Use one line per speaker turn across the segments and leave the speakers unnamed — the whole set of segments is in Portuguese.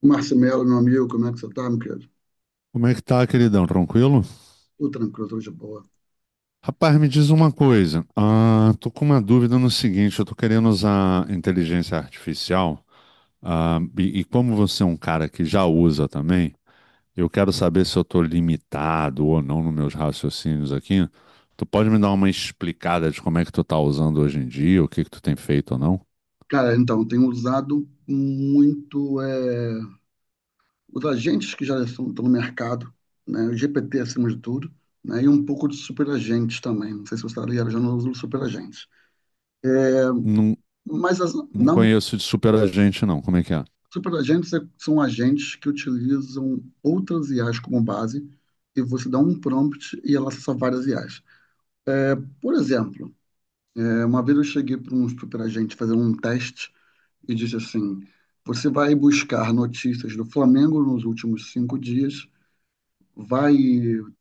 Marcelo, meu amigo, como é que você tá, meu querido?
Como é que tá, queridão? Tranquilo?
Tudo tranquilo, tudo de boa.
Rapaz, me diz uma coisa. Ah, tô com uma dúvida no seguinte: eu tô querendo usar inteligência artificial, ah, e como você é um cara que já usa também, eu quero saber se eu tô limitado ou não nos meus raciocínios aqui. Tu pode me dar uma explicada de como é que tu tá usando hoje em dia, o que que tu tem feito ou não?
Cara, então, tenho usado muito os agentes que já estão no mercado, né? O GPT acima de tudo, né? E um pouco de superagentes também. Não sei se você está ligado, eu já não uso superagentes.
Não,
Mas
não
não,
conheço de superagente não. Como é que é?
superagentes são agentes que utilizam outras IAs como base e você dá um prompt e ela acessa várias IAs. Por exemplo, uma vez eu cheguei para um superagente fazer um teste e diz assim: Você vai buscar notícias do Flamengo nos últimos 5 dias, vai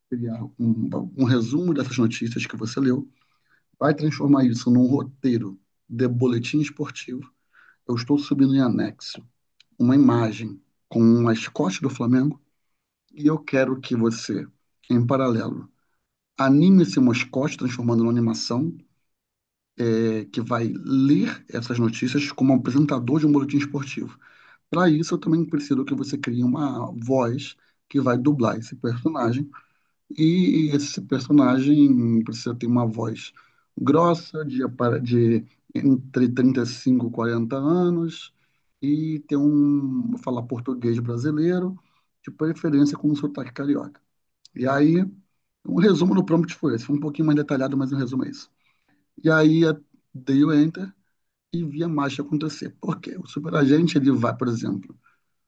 criar um resumo dessas notícias que você leu, vai transformar isso num roteiro de boletim esportivo. Eu estou subindo em anexo uma imagem com um mascote do Flamengo e eu quero que você, em paralelo, anime esse mascote transformando numa animação que vai ler essas notícias como apresentador de um boletim esportivo. Para isso, eu também preciso que você crie uma voz que vai dublar esse personagem. E esse personagem precisa ter uma voz grossa, de entre 35 e 40 anos, e ter um falar português brasileiro, de preferência com um sotaque carioca. E aí, um resumo do prompt foi esse. Foi um pouquinho mais detalhado, mas um resumo é isso. E aí, eu dei o enter e vi a marcha acontecer. Por quê? O superagente, ele vai, por exemplo,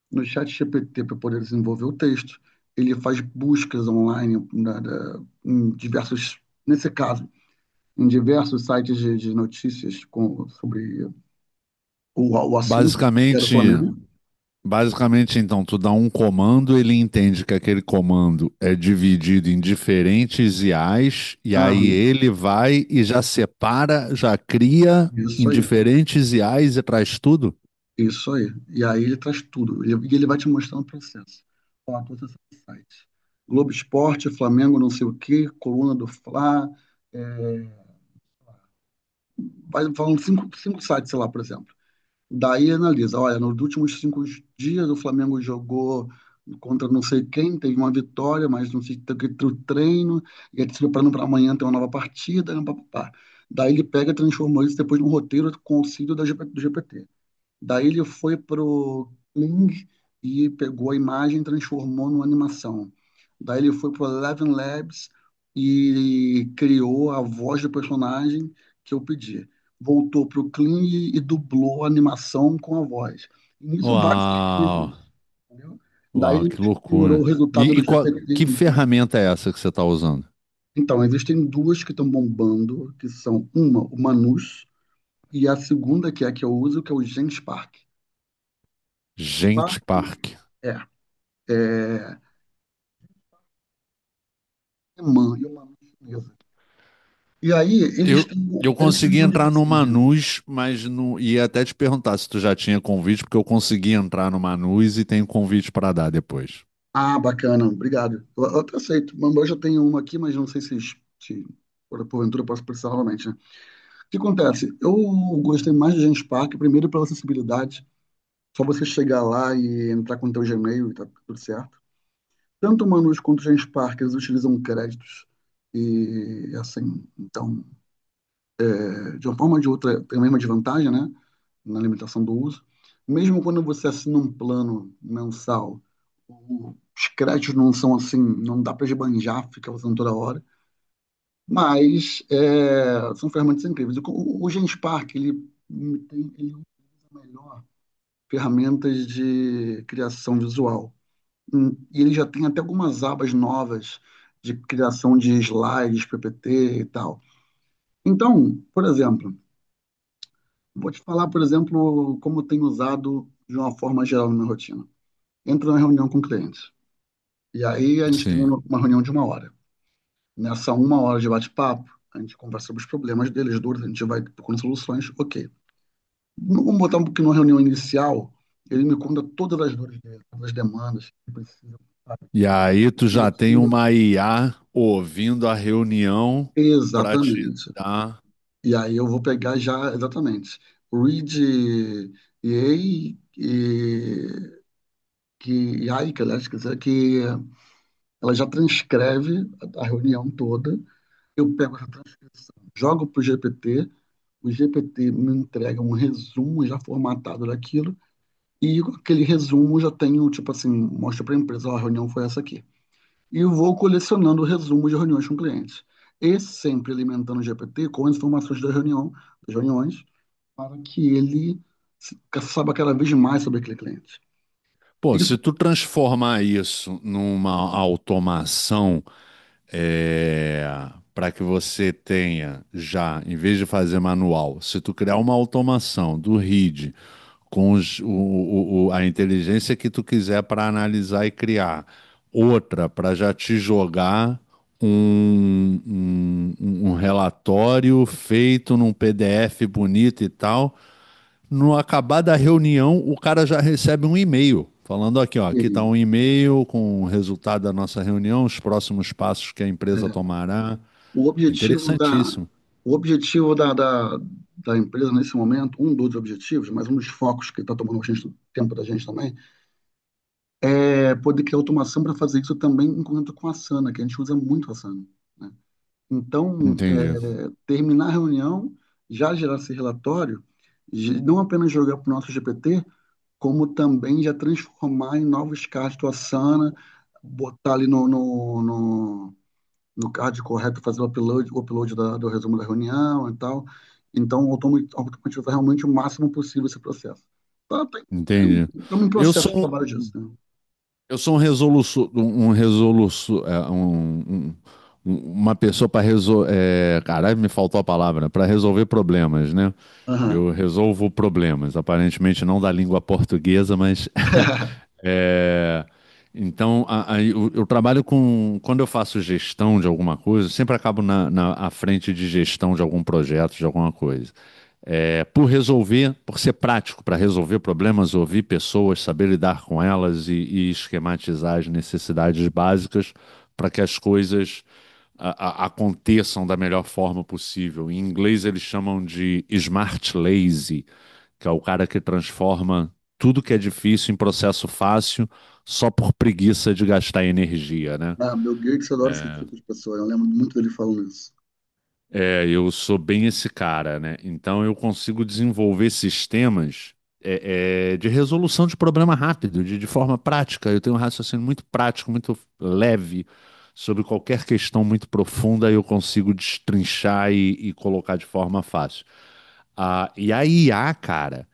no chat GPT para poder desenvolver o texto. Ele faz buscas online em diversos, nesse caso, em diversos sites de notícias sobre o assunto que era o
Basicamente.
Flamengo.
Basicamente, então, tu dá um comando, ele entende que aquele comando é dividido em diferentes IAs, e aí
Aham,
ele vai e já separa, já cria em
isso aí,
diferentes IAs e traz tudo?
isso aí. E aí ele traz tudo. E ele vai te mostrando o processo. Ó, todos esses sites. Globo Esporte, Flamengo, não sei o quê, Coluna do Fla, é, vai falando cinco sites, sei lá, por exemplo. Daí analisa, olha, nos últimos 5 dias o Flamengo jogou contra não sei quem, teve uma vitória, mas não sei, tem que ter o treino, e ele se preparando para amanhã ter uma nova partida, né, pá, pá, pá. Daí ele pega e transformou isso depois num roteiro com auxílio da GP do GPT. Daí ele foi pro Kling e pegou a imagem e transformou numa animação. Daí ele foi pro Eleven Labs e criou a voz do personagem que eu pedi. Voltou pro Kling e dublou a animação com a voz. Nisso vários
Uau!
arquivos, entendeu? Daí
Uau,
ele
que
misturou
loucura!
o
E,
resultado do
e
GPT
que
com...
ferramenta é essa que você está usando?
Então, existem duas que estão bombando, que são uma, o Manus, e a segunda, que é a que eu uso, que é o Genspark.
Gente
Genspark,
Park.
é. É, alemã e uma chinesa. E aí eles
Eu,
têm,
eu
eles têm
consegui
uma
entrar no
divergência ali.
Manus, mas não ia até te perguntar se tu já tinha convite, porque eu consegui entrar no Manus e tenho convite para dar depois.
Ah, bacana, obrigado. Eu até aceito. Mas eu já tenho uma aqui, mas não sei se porventura eu posso precisar novamente, né? O que acontece? Eu gostei mais de Gens Park, primeiro pela acessibilidade. Só você chegar lá e entrar com o teu Gmail e tá tudo certo. Tanto o Manus quanto o Gens Park, eles utilizam créditos. E assim, então, de uma forma ou de outra, tem a mesma desvantagem, né? Na limitação do uso. Mesmo quando você assina um plano mensal, os créditos não são assim, não dá para esbanjar, fica usando toda hora, mas são ferramentas incríveis. O Genspark, ele utiliza melhor ferramentas de criação visual. E ele já tem até algumas abas novas de criação de slides, PPT e tal. Então, por exemplo, vou te falar, por exemplo, como eu tenho usado de uma forma geral na minha rotina. Entro na reunião com clientes. E aí a gente tem
Sim.
uma reunião de 1 hora. Nessa 1 hora de bate-papo, a gente conversa sobre os problemas deles, dores, a gente vai procurando soluções, ok. Vamos botar um pouquinho na reunião inicial, ele me conta todas as dores dele, todas as demandas que precisa, sabe?
E aí tu
Ajuda
já tem
aquilo.
uma IA ouvindo a reunião para te
Exatamente.
dar.
E aí eu vou pegar já, exatamente, read e EA e que Aika, aliás, quer dizer, que ela já transcreve a reunião toda. Eu pego essa transcrição, jogo para o GPT, o GPT me entrega um resumo já formatado daquilo, e com aquele resumo já tenho, tipo assim, mostra para a empresa, ó, a reunião foi essa aqui. E eu vou colecionando resumos de reuniões com clientes. E sempre alimentando o GPT com as informações da reunião, das reuniões, para que ele saiba cada vez mais sobre aquele cliente.
Pô,
Isso
se tu transformar isso numa automação, é, para que você tenha já, em vez de fazer manual, se tu criar uma automação do RID com a inteligência que tu quiser para analisar e criar, outra para já te jogar um relatório feito num PDF bonito e tal. No acabar da reunião, o cara já recebe um e-mail falando aqui, ó,
que,
aqui está um e-mail com o resultado da nossa reunião, os próximos passos que a empresa
é,
tomará.
O objetivo da,
Interessantíssimo.
o objetivo da empresa nesse momento, um dos objetivos, mas um dos focos que está tomando bastante tempo da gente também, é poder criar automação para fazer isso também em conjunto com a Asana, que a gente usa muito a Asana, né? Então,
Entendi,
terminar a reunião, já gerar esse relatório, não apenas jogar para o nosso GPT, como também já transformar em novos casos do Asana, botar ali no CAD correto, fazer o upload do resumo da reunião e tal. Então, automatizar realmente o máximo possível esse processo. Tá, tem- tem-
entendi.
Estamos em
Eu
processo de
sou
trabalho disso, né?
Eu sou um resoluço, uma pessoa para resolver, caralho, me faltou a palavra, para resolver problemas, né?
Aham.
Eu resolvo problemas, aparentemente não da língua portuguesa, mas é, então eu trabalho com, quando eu faço gestão de alguma coisa, eu sempre acabo na, à frente de gestão de algum projeto, de alguma coisa é, por resolver, por ser prático para resolver problemas, ouvir pessoas, saber lidar com elas e esquematizar as necessidades básicas para que as coisas aconteçam da melhor forma possível. Em inglês eles chamam de smart lazy, que é o cara que transforma tudo que é difícil em processo fácil só por preguiça de gastar energia, né?
Ah, Bill Gates adora esse
É,
tipo de pessoa. Eu lembro muito dele falando isso.
É, eu sou bem esse cara, né? Então eu consigo desenvolver sistemas de resolução de problema rápido, de forma prática. Eu tenho um raciocínio muito prático, muito leve sobre qualquer questão muito profunda. Eu consigo destrinchar e colocar de forma fácil. Ah, e a IA, cara,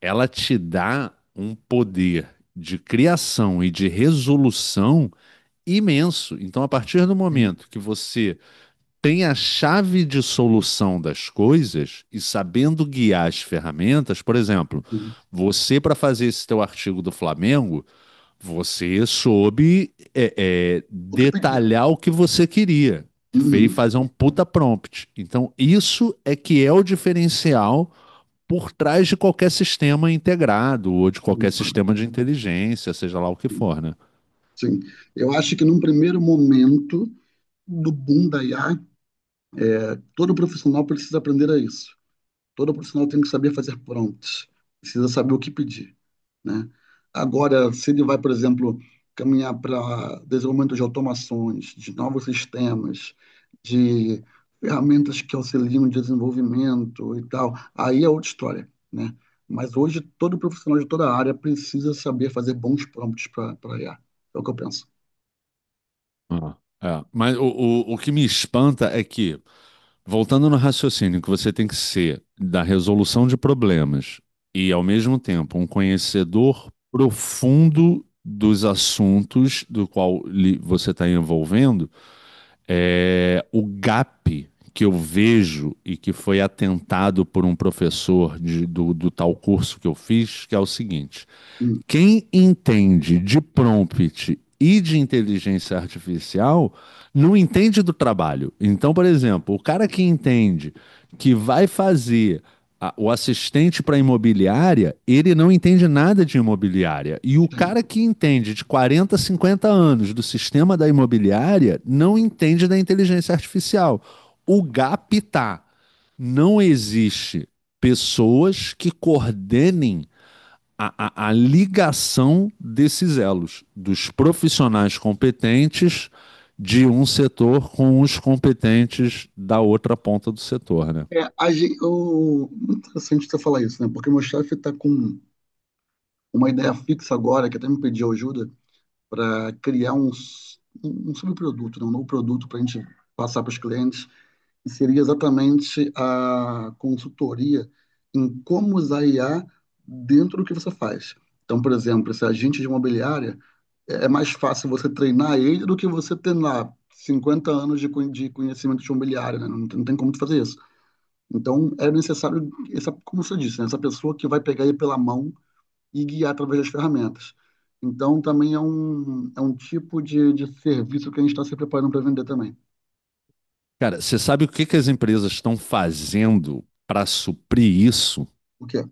ela te dá um poder de criação e de resolução imenso. Então, a partir do
Sim,
momento que você tem a chave de solução das coisas e sabendo guiar as ferramentas, por exemplo,
sim.
você para fazer esse teu artigo do Flamengo, você soube
O que pedir?
detalhar o que você queria, fez
Uhum.
fazer um puta prompt. Então isso é que é o diferencial por trás de qualquer sistema integrado ou de qualquer sistema de inteligência, seja lá o que for, né?
Sim. Eu acho que num primeiro momento do boom da IA, todo profissional precisa aprender a isso. Todo profissional tem que saber fazer prompts. Precisa saber o que pedir, né? Agora, se ele vai, por exemplo, caminhar para desenvolvimento de automações, de novos sistemas, de ferramentas que auxiliam o desenvolvimento e tal, aí é outra história, né? Mas hoje todo profissional de toda a área precisa saber fazer bons prompts para IA. É o que eu penso.
Ah, é. Mas o que me espanta é que, voltando no raciocínio, que você tem que ser da resolução de problemas e, ao mesmo tempo, um conhecedor profundo dos assuntos do qual você está envolvendo, é o gap que eu vejo e que foi atentado por um professor do tal curso que eu fiz, que é o seguinte:
Hum,
quem entende de prompt e de inteligência artificial não entende do trabalho. Então, por exemplo, o cara que entende que vai fazer o assistente para imobiliária, ele não entende nada de imobiliária. E o
sim.
cara que entende de 40, 50 anos do sistema da imobiliária não entende da inteligência artificial. O gap tá. Não existe pessoas que coordenem a ligação desses elos, dos profissionais competentes de um setor com os competentes da outra ponta do setor, né?
É, muito interessante você falar isso, né? Porque meu chefe está com uma ideia fixa agora, que até me pediu ajuda, para criar um subproduto, né, um novo produto para a gente passar para os clientes, que seria exatamente a consultoria em como usar IA dentro do que você faz. Então, por exemplo, esse agente de imobiliária, é mais fácil você treinar ele do que você ter lá 50 anos de conhecimento de imobiliária, né? Não, não tem como tu fazer isso. Então, é necessário, como você disse, né? Essa pessoa que vai pegar ele pela mão e guiar através das ferramentas. Então, também é um tipo de serviço que a gente está se preparando para vender também.
Cara, você sabe o que, que as empresas estão fazendo para suprir isso?
O quê?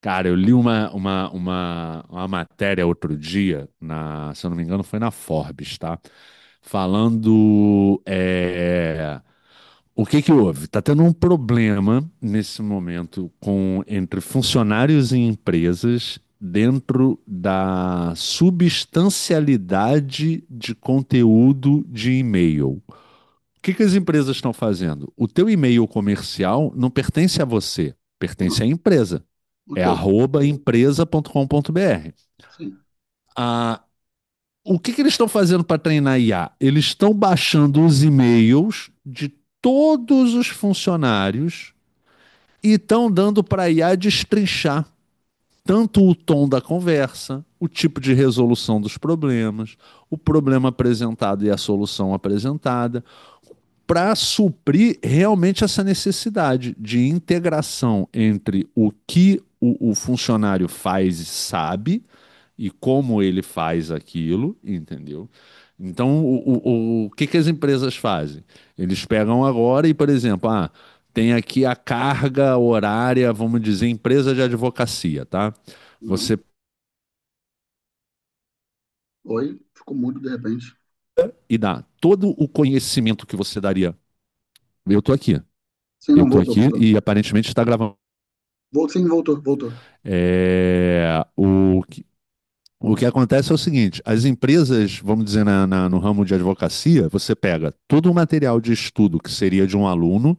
Cara, eu li uma matéria outro dia, na, se eu não me engano, foi na Forbes, tá? Falando o que que houve? Está tendo um problema nesse momento com, entre funcionários e empresas, dentro da substancialidade de conteúdo de e-mail. O que que as empresas estão fazendo? O teu e-mail comercial não pertence a você, pertence à
Ah,
empresa. É
ok,
@empresa.com.br.
sim.
A o que que eles estão fazendo para treinar IA? Eles estão baixando os e-mails de todos os funcionários e estão dando para a IA destrinchar tanto o tom da conversa, o tipo de resolução dos problemas, o problema apresentado e a solução apresentada, para suprir realmente essa necessidade de integração entre o que o funcionário faz e sabe e como ele faz aquilo, entendeu? Então, o que, que as empresas fazem? Eles pegam agora e, por exemplo, ah, tem aqui a carga horária, vamos dizer, empresa de advocacia, tá?
Uhum.
Você
Oi, ficou mudo de repente.
e dá todo o conhecimento que você daria. Eu tô aqui,
Sim,
eu
não,
tô
voltou,
aqui
voltou.
e aparentemente está gravando.
Sim, voltou, voltou.
É, o que acontece é o seguinte: as empresas, vamos dizer, no ramo de advocacia, você pega todo o material de estudo que seria de um aluno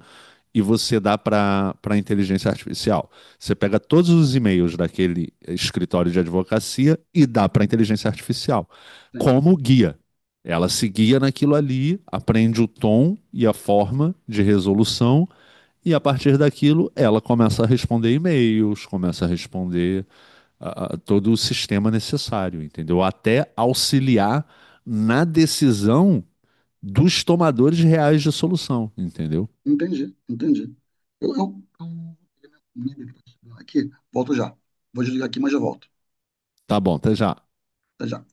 e você dá para inteligência artificial. Você pega todos os e-mails daquele escritório de advocacia e dá para inteligência artificial
Sim.
como guia. Ela se guia naquilo ali, aprende o tom e a forma de resolução, e a partir daquilo ela começa a responder e-mails, começa a responder todo o sistema necessário, entendeu? Até auxiliar na decisão dos tomadores reais de solução, entendeu?
Entendi, entendi. Eu, eu... Aqui, volto já. Vou desligar aqui, mas já volto.
Tá bom, até já.
Até já.